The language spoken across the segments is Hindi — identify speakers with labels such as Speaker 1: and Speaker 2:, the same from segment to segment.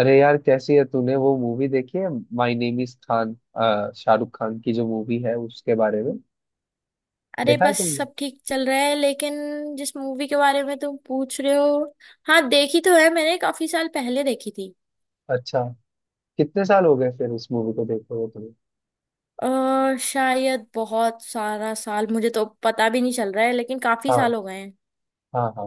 Speaker 1: अरे यार, कैसी है? तूने वो मूवी देखी है, my name is Khan, Shahrukh Khan की जो मूवी है उसके बारे में?
Speaker 2: अरे
Speaker 1: देखा है
Speaker 2: बस
Speaker 1: तुमने?
Speaker 2: सब ठीक चल रहा है, लेकिन जिस मूवी के बारे में तुम पूछ रहे हो, हाँ देखी तो है। मैंने काफी साल पहले देखी थी।
Speaker 1: अच्छा। कितने साल हो गए फिर उस मूवी को देखे हुए तुम्हें?
Speaker 2: और शायद बहुत सारा साल, मुझे तो पता भी नहीं चल रहा है, लेकिन काफी
Speaker 1: हाँ,
Speaker 2: साल हो गए हैं।
Speaker 1: हाँ, हाँ।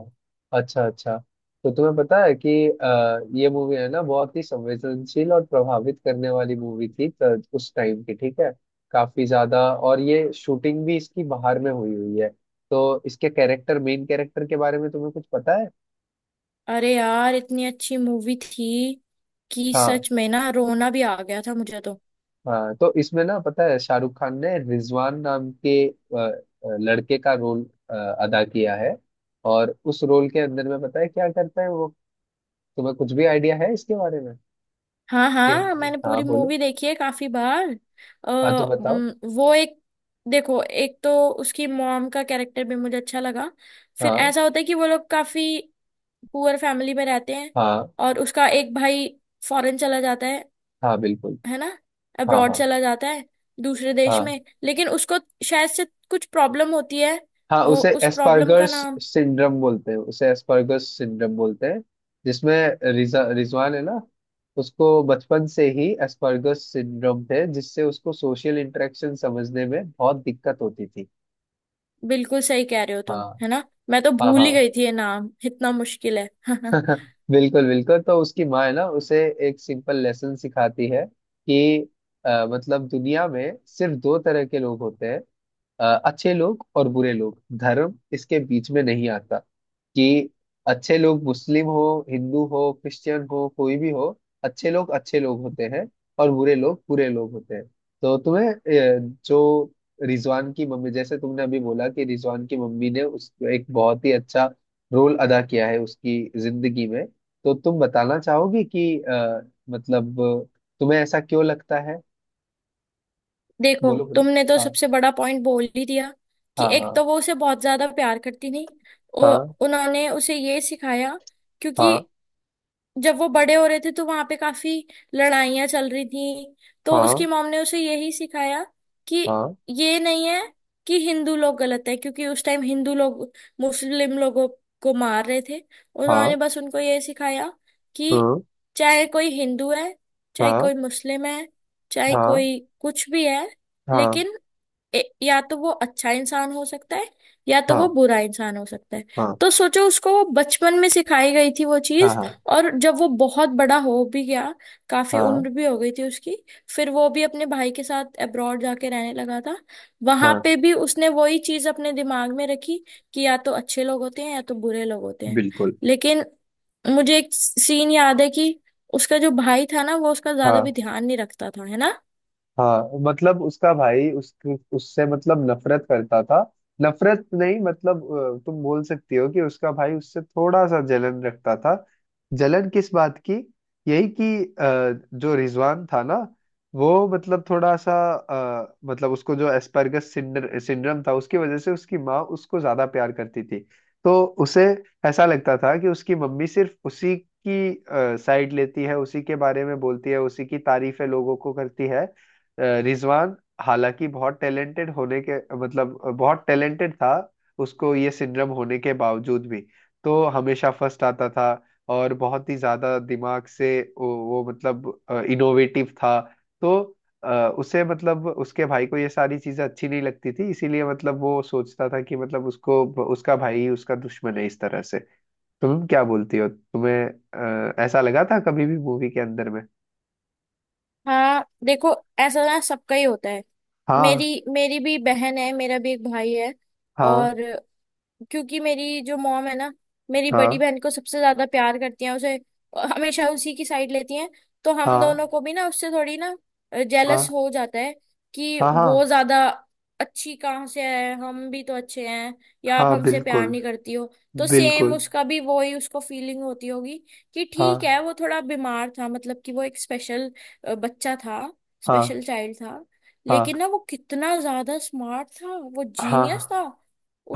Speaker 1: अच्छा, अच्छा। तो तुम्हें पता है कि ये मूवी है ना, बहुत ही संवेदनशील और प्रभावित करने वाली मूवी थी उस टाइम की, ठीक है। काफी ज्यादा। और ये शूटिंग भी इसकी बाहर में हुई हुई है। तो इसके कैरेक्टर, मेन कैरेक्टर के बारे में तुम्हें कुछ पता है?
Speaker 2: अरे यार, इतनी अच्छी मूवी थी कि
Speaker 1: हाँ,
Speaker 2: सच में ना, रोना भी आ गया था मुझे तो।
Speaker 1: हाँ। तो इसमें ना, पता है, शाहरुख खान ने रिजवान नाम के लड़के का रोल अ, अदा किया है। और उस रोल के अंदर में पता है क्या करता है वो? तुम्हें कुछ भी आइडिया है इसके बारे में?
Speaker 2: हाँ
Speaker 1: कि-
Speaker 2: हाँ, मैंने
Speaker 1: हाँ,
Speaker 2: पूरी
Speaker 1: बोलो।
Speaker 2: मूवी देखी है काफी बार।
Speaker 1: हाँ, तो बताओ।
Speaker 2: वो एक, देखो, एक तो उसकी मॉम का कैरेक्टर भी मुझे अच्छा लगा। फिर
Speaker 1: हाँ,
Speaker 2: ऐसा होता है कि वो लोग काफी पुअर फैमिली में रहते हैं।
Speaker 1: हाँ,
Speaker 2: और उसका एक भाई फॉरेन चला जाता है
Speaker 1: हाँ। बिल्कुल।
Speaker 2: है ना,
Speaker 1: हाँ,
Speaker 2: अब्रॉड
Speaker 1: हाँ,
Speaker 2: चला जाता है, दूसरे देश
Speaker 1: हाँ।
Speaker 2: में। लेकिन उसको शायद से कुछ प्रॉब्लम होती है।
Speaker 1: हाँ, उसे
Speaker 2: उस प्रॉब्लम का
Speaker 1: एस्पर्गर्स
Speaker 2: नाम,
Speaker 1: सिंड्रोम बोलते हैं। उसे एस्पर्गर्स सिंड्रोम बोलते हैं, जिसमें रिजा रिजवान है ना, उसको बचपन से ही एस्पर्गस सिंड्रोम थे, जिससे उसको सोशल इंटरेक्शन समझने में बहुत दिक्कत होती थी।
Speaker 2: बिल्कुल सही कह रहे हो
Speaker 1: हाँ,
Speaker 2: तुम, है ना। मैं तो
Speaker 1: हाँ।
Speaker 2: भूल ही
Speaker 1: हाँ।
Speaker 2: गई थी, ये नाम इतना मुश्किल है।
Speaker 1: बिल्कुल, बिल्कुल। तो उसकी माँ है ना, उसे एक सिंपल लेसन सिखाती है कि मतलब दुनिया में सिर्फ दो तरह के लोग होते हैं, अच्छे लोग और बुरे लोग। धर्म इसके बीच में नहीं आता, कि अच्छे लोग मुस्लिम हो, हिंदू हो, क्रिश्चियन हो, कोई भी हो, अच्छे लोग होते हैं और बुरे लोग होते हैं। तो तुम्हें, जो रिजवान की मम्मी, जैसे तुमने अभी बोला कि रिजवान की मम्मी ने उस एक बहुत ही अच्छा रोल अदा किया है उसकी जिंदगी में, तो तुम बताना चाहोगी कि मतलब तुम्हें ऐसा क्यों लगता है?
Speaker 2: देखो,
Speaker 1: बोलो, बोलो।
Speaker 2: तुमने तो
Speaker 1: हाँ,
Speaker 2: सबसे बड़ा पॉइंट बोल ही दिया कि
Speaker 1: हाँ,
Speaker 2: एक
Speaker 1: हाँ,
Speaker 2: तो वो उसे बहुत ज्यादा प्यार करती थी। ओ,
Speaker 1: हाँ,
Speaker 2: उन्होंने उसे ये सिखाया क्योंकि
Speaker 1: हाँ,
Speaker 2: जब वो बड़े हो रहे थे तो वहां पे काफी लड़ाइयां चल रही थी। तो
Speaker 1: हाँ,
Speaker 2: उसकी मॉम ने उसे यही सिखाया कि
Speaker 1: हाँ,
Speaker 2: ये नहीं है कि हिंदू लोग गलत है। क्योंकि उस टाइम हिंदू लोग मुस्लिम लोगों को मार रहे थे, और
Speaker 1: हाँ,
Speaker 2: उन्होंने बस उनको ये सिखाया कि चाहे कोई हिंदू है, चाहे
Speaker 1: हाँ,
Speaker 2: कोई मुस्लिम है, चाहे
Speaker 1: हाँ,
Speaker 2: कोई कुछ भी है,
Speaker 1: हाँ,
Speaker 2: लेकिन या तो वो अच्छा इंसान हो सकता है या तो
Speaker 1: हाँ,
Speaker 2: वो बुरा इंसान हो सकता है।
Speaker 1: हाँ,
Speaker 2: तो सोचो, उसको वो बचपन में सिखाई गई थी वो
Speaker 1: हाँ, हाँ,
Speaker 2: चीज।
Speaker 1: हाँ,
Speaker 2: और जब वो बहुत बड़ा हो भी गया, काफी
Speaker 1: हाँ,
Speaker 2: उम्र भी हो गई थी उसकी, फिर वो भी अपने भाई के साथ अब्रॉड जाके रहने लगा था। वहां
Speaker 1: हाँ,
Speaker 2: पे भी उसने वही चीज अपने दिमाग में रखी कि या तो अच्छे लोग होते हैं या तो बुरे लोग होते हैं।
Speaker 1: बिल्कुल,
Speaker 2: लेकिन मुझे एक सीन याद है कि उसका जो भाई था ना, वो उसका ज्यादा
Speaker 1: हाँ,
Speaker 2: भी ध्यान नहीं रखता था, है ना।
Speaker 1: हाँ। मतलब उसका भाई उस उससे, मतलब, नफरत करता था। नफरत नहीं, मतलब, तुम बोल सकती हो कि उसका भाई उससे थोड़ा सा जलन रखता था। जलन किस बात की? यही कि जो रिजवान था ना, वो मतलब थोड़ा सा, मतलब उसको जो एस्पर्गस सिंड्रोम था उसकी वजह से, उसकी माँ उसको ज्यादा प्यार करती थी। तो उसे ऐसा लगता था कि उसकी मम्मी सिर्फ उसी की साइड लेती है, उसी के बारे में बोलती है, उसी की तारीफें लोगों को करती है। रिजवान, हालांकि बहुत टैलेंटेड होने के, मतलब बहुत टैलेंटेड था, उसको ये सिंड्रोम होने के बावजूद भी तो हमेशा फर्स्ट आता था। और बहुत ही ज्यादा दिमाग से वो, मतलब, इनोवेटिव था। तो उसे, मतलब उसके भाई को, ये सारी चीजें अच्छी नहीं लगती थी, इसीलिए मतलब वो सोचता था कि मतलब उसको उसका भाई ही उसका दुश्मन है, इस तरह से। तुम क्या बोलती हो, तुम्हें ऐसा लगा था कभी भी मूवी के अंदर में?
Speaker 2: हाँ, देखो, ऐसा ना सबका ही होता है।
Speaker 1: हाँ,
Speaker 2: मेरी मेरी भी बहन है, मेरा भी एक भाई है।
Speaker 1: हाँ,
Speaker 2: और क्योंकि मेरी जो मॉम है ना, मेरी
Speaker 1: हाँ,
Speaker 2: बड़ी बहन को सबसे ज्यादा प्यार करती हैं, उसे हमेशा उसी की साइड लेती हैं। तो हम
Speaker 1: हाँ,
Speaker 2: दोनों को भी ना उससे थोड़ी ना जेलस
Speaker 1: हाँ,
Speaker 2: हो जाता है कि
Speaker 1: हाँ,
Speaker 2: वो
Speaker 1: हाँ,
Speaker 2: ज्यादा अच्छी कहाँ से है, हम भी तो अच्छे हैं, या आप
Speaker 1: हाँ,
Speaker 2: हमसे प्यार
Speaker 1: बिल्कुल,
Speaker 2: नहीं करती हो। तो सेम
Speaker 1: बिल्कुल,
Speaker 2: उसका भी वो ही उसको फीलिंग होती होगी कि ठीक
Speaker 1: हाँ,
Speaker 2: है, वो थोड़ा बीमार था, मतलब कि वो एक स्पेशल बच्चा था,
Speaker 1: हाँ,
Speaker 2: स्पेशल चाइल्ड था।
Speaker 1: हाँ,
Speaker 2: लेकिन ना, वो कितना ज्यादा स्मार्ट था, वो
Speaker 1: हाँ,
Speaker 2: जीनियस था।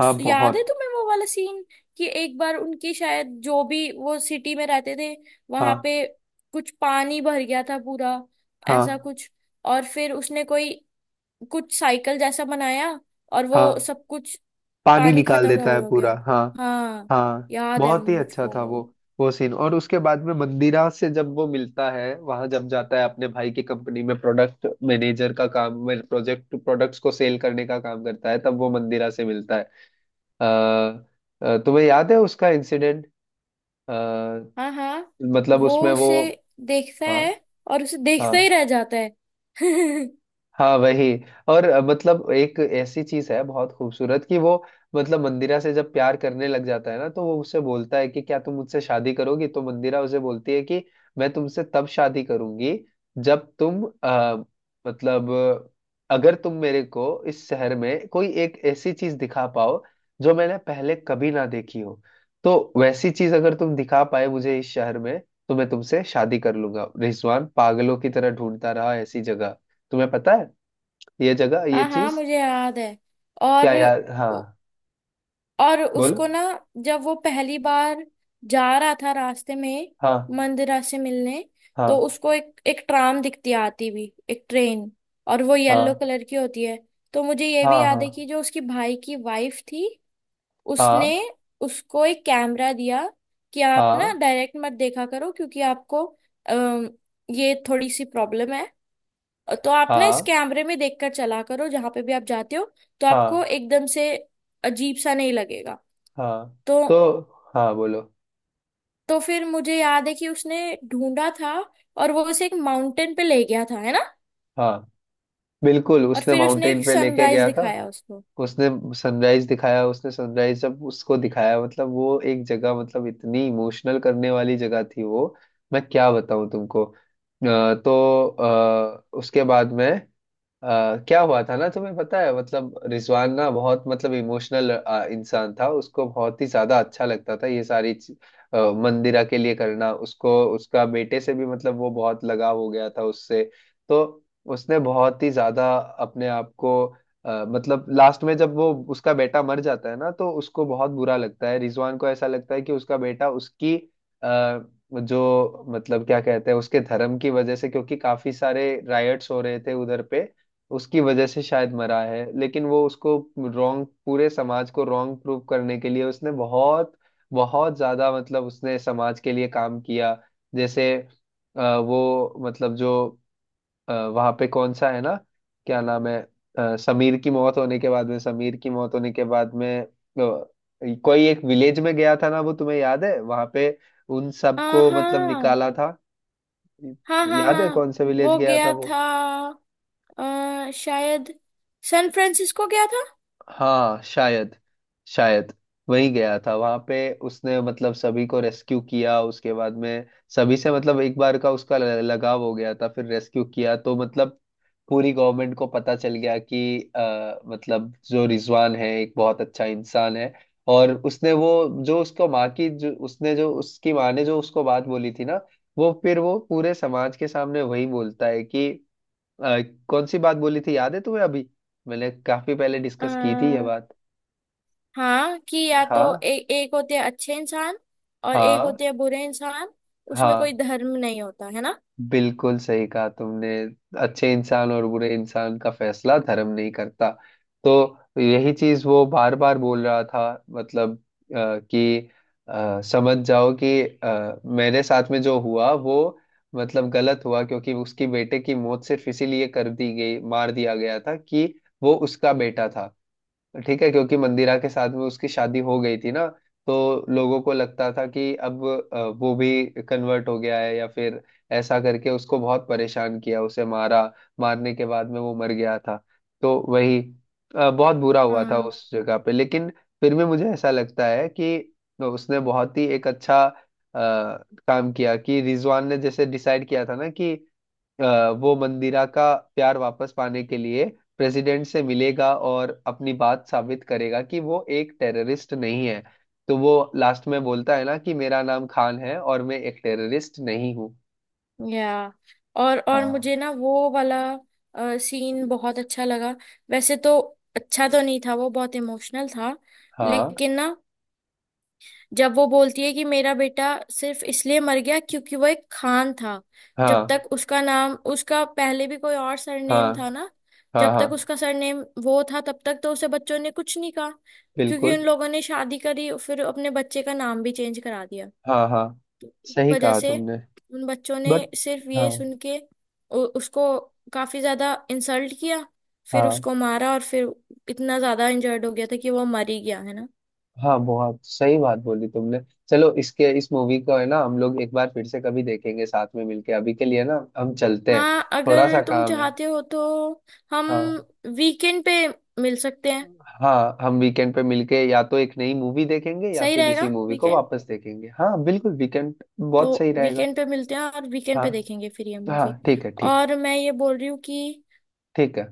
Speaker 1: हाँ
Speaker 2: याद है
Speaker 1: बहुत,
Speaker 2: तुम्हें वो वाला सीन कि एक बार उनकी, शायद जो भी वो सिटी में रहते थे वहां
Speaker 1: हाँ,
Speaker 2: पे, कुछ पानी भर गया था पूरा,
Speaker 1: हाँ,
Speaker 2: ऐसा कुछ। और फिर उसने कोई कुछ साइकिल जैसा बनाया, और
Speaker 1: हाँ।
Speaker 2: वो सब कुछ,
Speaker 1: पानी
Speaker 2: पानी
Speaker 1: निकाल
Speaker 2: खत्म
Speaker 1: देता है
Speaker 2: हो
Speaker 1: पूरा,
Speaker 2: गया।
Speaker 1: हाँ।
Speaker 2: हाँ,
Speaker 1: हाँ,
Speaker 2: याद है
Speaker 1: बहुत ही अच्छा
Speaker 2: मुझको
Speaker 1: था वो
Speaker 2: वो।
Speaker 1: वो सीन और उसके बाद में मंदिरा से जब वो मिलता है, वहां जब जाता है अपने भाई की कंपनी में प्रोडक्ट मैनेजर का काम में, प्रोजेक्ट प्रोडक्ट्स को सेल करने का काम करता है, तब वो मंदिरा से मिलता है। अ, तुम्हें याद है उसका इंसिडेंट?
Speaker 2: हाँ हाँ,
Speaker 1: मतलब
Speaker 2: वो
Speaker 1: उसमें वो,
Speaker 2: उसे देखता
Speaker 1: हाँ,
Speaker 2: है और उसे देखता
Speaker 1: हाँ,
Speaker 2: ही रह जाता है।
Speaker 1: हाँ वही। और मतलब एक ऐसी चीज है बहुत खूबसूरत, कि वो मतलब मंदिरा से जब प्यार करने लग जाता है ना, तो वो उससे बोलता है कि क्या तुम मुझसे शादी करोगी? तो मंदिरा उसे बोलती है कि मैं तुमसे तब शादी करूंगी जब तुम, मतलब, अगर तुम मेरे को इस शहर में कोई एक ऐसी चीज दिखा पाओ जो मैंने पहले कभी ना देखी हो, तो वैसी चीज अगर तुम दिखा पाए मुझे इस शहर में, तो मैं तुमसे शादी कर लूंगा। रिजवान पागलों की तरह ढूंढता रहा ऐसी जगह। तुम्हें पता है ये जगह, ये
Speaker 2: हाँ हाँ,
Speaker 1: चीज
Speaker 2: मुझे याद है।
Speaker 1: क्या?
Speaker 2: और
Speaker 1: यार, हाँ,
Speaker 2: और
Speaker 1: बोलो।
Speaker 2: उसको ना, जब वो पहली बार जा रहा था रास्ते में,
Speaker 1: हाँ,
Speaker 2: मंदिरा से मिलने, तो
Speaker 1: हाँ,
Speaker 2: उसको एक एक ट्राम दिखती है, आती भी एक ट्रेन, और वो येलो
Speaker 1: हाँ,
Speaker 2: कलर की होती है। तो मुझे ये
Speaker 1: हाँ,
Speaker 2: भी याद
Speaker 1: हाँ,
Speaker 2: है कि जो उसकी भाई की वाइफ थी, उसने
Speaker 1: हाँ,
Speaker 2: उसको एक कैमरा दिया कि आप ना
Speaker 1: हाँ,
Speaker 2: डायरेक्ट मत देखा करो क्योंकि आपको ये थोड़ी सी प्रॉब्लम है। तो आप ना इस
Speaker 1: हाँ,
Speaker 2: कैमरे में देखकर चला करो जहां पे भी आप जाते हो, तो आपको
Speaker 1: हाँ,
Speaker 2: एकदम से अजीब सा नहीं लगेगा।
Speaker 1: हाँ,
Speaker 2: तो
Speaker 1: तो हाँ, बोलो।
Speaker 2: तो फिर मुझे याद है कि उसने ढूंढा था, और वो उसे एक माउंटेन पे ले गया था, है ना।
Speaker 1: हाँ, बिल्कुल
Speaker 2: और
Speaker 1: उसने
Speaker 2: फिर उसने
Speaker 1: माउंटेन
Speaker 2: एक
Speaker 1: पे लेके
Speaker 2: सनराइज
Speaker 1: गया था।
Speaker 2: दिखाया उसको।
Speaker 1: उसने सनराइज दिखाया। उसने सनराइज जब उसको दिखाया, मतलब वो एक जगह, मतलब इतनी इमोशनल करने वाली जगह थी वो, मैं क्या बताऊं तुमको। तो उसके बाद में, क्या हुआ था ना, तुम्हें पता है, मतलब रिजवान ना बहुत, मतलब, इमोशनल इंसान था। उसको बहुत ही ज्यादा अच्छा लगता था ये सारी मंदिरा के लिए करना। उसको उसका बेटे से भी, मतलब, वो बहुत लगाव हो गया था उससे। तो उसने बहुत ही ज्यादा अपने आप को, मतलब लास्ट में जब वो उसका बेटा मर जाता है ना, तो उसको बहुत बुरा लगता है। रिजवान को ऐसा लगता है कि उसका बेटा उसकी, आ, जो, मतलब क्या कहते हैं, उसके धर्म की वजह से, क्योंकि काफी सारे रायट्स हो रहे थे उधर पे, उसकी वजह से शायद मरा है। लेकिन वो उसको रॉन्ग, पूरे समाज को रॉन्ग प्रूव करने के लिए, उसने बहुत बहुत ज्यादा, मतलब उसने समाज के लिए काम किया। जैसे वो, मतलब जो वहां पे कौन सा है ना, क्या नाम है, समीर की मौत होने के बाद में, कोई एक विलेज में गया था ना वो, तुम्हें याद है वहां पे उन सबको, मतलब,
Speaker 2: हाँ
Speaker 1: निकाला था।
Speaker 2: हाँ हाँ।
Speaker 1: याद है
Speaker 2: हाँ,
Speaker 1: कौन सा विलेज
Speaker 2: वो
Speaker 1: गया था
Speaker 2: गया
Speaker 1: वो?
Speaker 2: था, शायद सैन फ्रांसिस्को गया था।
Speaker 1: हाँ, शायद शायद वही गया था वहां पे। उसने, मतलब, सभी को रेस्क्यू किया। उसके बाद में सभी से मतलब एक बार का उसका लगाव हो गया था, फिर रेस्क्यू किया तो मतलब पूरी गवर्नमेंट को पता चल गया कि मतलब जो रिजवान है एक बहुत अच्छा इंसान है। और उसने वो, जो उसको माँ की, जो उसने, जो उसकी माँ ने जो उसको बात बोली थी ना, वो फिर वो पूरे समाज के सामने वही बोलता है कि अ, कौन सी बात बोली थी, याद है तुम्हें? अभी मैंने काफी पहले डिस्कस की थी ये
Speaker 2: आ,
Speaker 1: बात।
Speaker 2: हाँ, कि या तो
Speaker 1: हाँ,
Speaker 2: एक होते हैं अच्छे इंसान और एक
Speaker 1: हाँ,
Speaker 2: होते हैं बुरे इंसान। उसमें कोई
Speaker 1: हाँ,
Speaker 2: धर्म नहीं होता, है ना।
Speaker 1: बिल्कुल सही कहा तुमने। अच्छे इंसान और बुरे इंसान का फैसला धर्म नहीं करता। तो यही चीज वो बार बार बोल रहा था, मतलब कि समझ जाओ कि मेरे साथ में जो हुआ वो, मतलब, गलत हुआ, क्योंकि उसकी बेटे की मौत सिर्फ इसीलिए कर दी गई, मार दिया गया था कि वो उसका बेटा था। ठीक है, क्योंकि मंदिरा के साथ में उसकी शादी हो गई थी ना, तो लोगों को लगता था कि अब वो भी कन्वर्ट हो गया है या फिर, ऐसा करके उसको बहुत परेशान किया, उसे मारा। मारने के बाद में वो मर गया था। तो वही, बहुत बुरा हुआ था
Speaker 2: हाँ।
Speaker 1: उस जगह पे, लेकिन फिर भी मुझे ऐसा लगता है कि उसने बहुत ही एक अच्छा काम किया, कि रिजवान ने जैसे डिसाइड किया था ना कि वो मंदिरा का प्यार वापस पाने के लिए प्रेसिडेंट से मिलेगा और अपनी बात साबित करेगा कि वो एक टेररिस्ट नहीं है। तो वो लास्ट में बोलता है ना कि मेरा नाम खान है और मैं एक टेररिस्ट नहीं हूँ।
Speaker 2: या, और
Speaker 1: हाँ,
Speaker 2: मुझे ना वो वाला सीन बहुत अच्छा लगा। वैसे तो अच्छा तो नहीं था, वो बहुत इमोशनल था,
Speaker 1: हाँ,
Speaker 2: लेकिन ना, जब वो बोलती है कि मेरा बेटा सिर्फ इसलिए मर गया क्योंकि वो एक खान था। जब
Speaker 1: हाँ,
Speaker 2: तक उसका नाम, उसका पहले भी कोई और
Speaker 1: हाँ,
Speaker 2: सरनेम था ना,
Speaker 1: हाँ,
Speaker 2: जब
Speaker 1: हाँ,
Speaker 2: तक उसका सरनेम वो था, तब तक तो उसे बच्चों ने कुछ नहीं कहा। क्योंकि
Speaker 1: बिल्कुल,
Speaker 2: उन लोगों ने शादी करी, फिर अपने बच्चे का नाम भी चेंज करा दिया,
Speaker 1: हाँ, हाँ, सही
Speaker 2: वजह
Speaker 1: कहा
Speaker 2: से
Speaker 1: तुमने।
Speaker 2: उन बच्चों ने
Speaker 1: बट,
Speaker 2: सिर्फ ये
Speaker 1: हाँ,
Speaker 2: सुन के उसको काफी ज्यादा इंसल्ट किया, फिर
Speaker 1: हाँ,
Speaker 2: उसको मारा, और फिर इतना ज्यादा इंजर्ड हो गया था कि वो मर ही गया, है ना।
Speaker 1: हाँ, बहुत सही बात बोली तुमने। चलो, इसके इस मूवी को है ना, हम लोग एक बार फिर से कभी देखेंगे साथ में मिलके। अभी के लिए ना, हम चलते हैं,
Speaker 2: हाँ,
Speaker 1: थोड़ा
Speaker 2: अगर
Speaker 1: सा
Speaker 2: तुम
Speaker 1: काम है।
Speaker 2: चाहते हो तो हम
Speaker 1: हाँ,
Speaker 2: वीकेंड पे मिल सकते हैं।
Speaker 1: हाँ, हम वीकेंड पे मिलके या तो एक नई मूवी देखेंगे या
Speaker 2: सही
Speaker 1: फिर
Speaker 2: रहेगा
Speaker 1: इसी मूवी को
Speaker 2: वीकेंड।
Speaker 1: वापस देखेंगे, हाँ, बिल्कुल वीकेंड
Speaker 2: तो
Speaker 1: बहुत सही रहेगा।
Speaker 2: वीकेंड पे मिलते हैं, और वीकेंड
Speaker 1: हाँ,
Speaker 2: पे देखेंगे फिर ये
Speaker 1: हाँ,
Speaker 2: मूवी।
Speaker 1: ठीक है, ठीक।
Speaker 2: और मैं ये बोल रही हूँ कि
Speaker 1: ठीक है।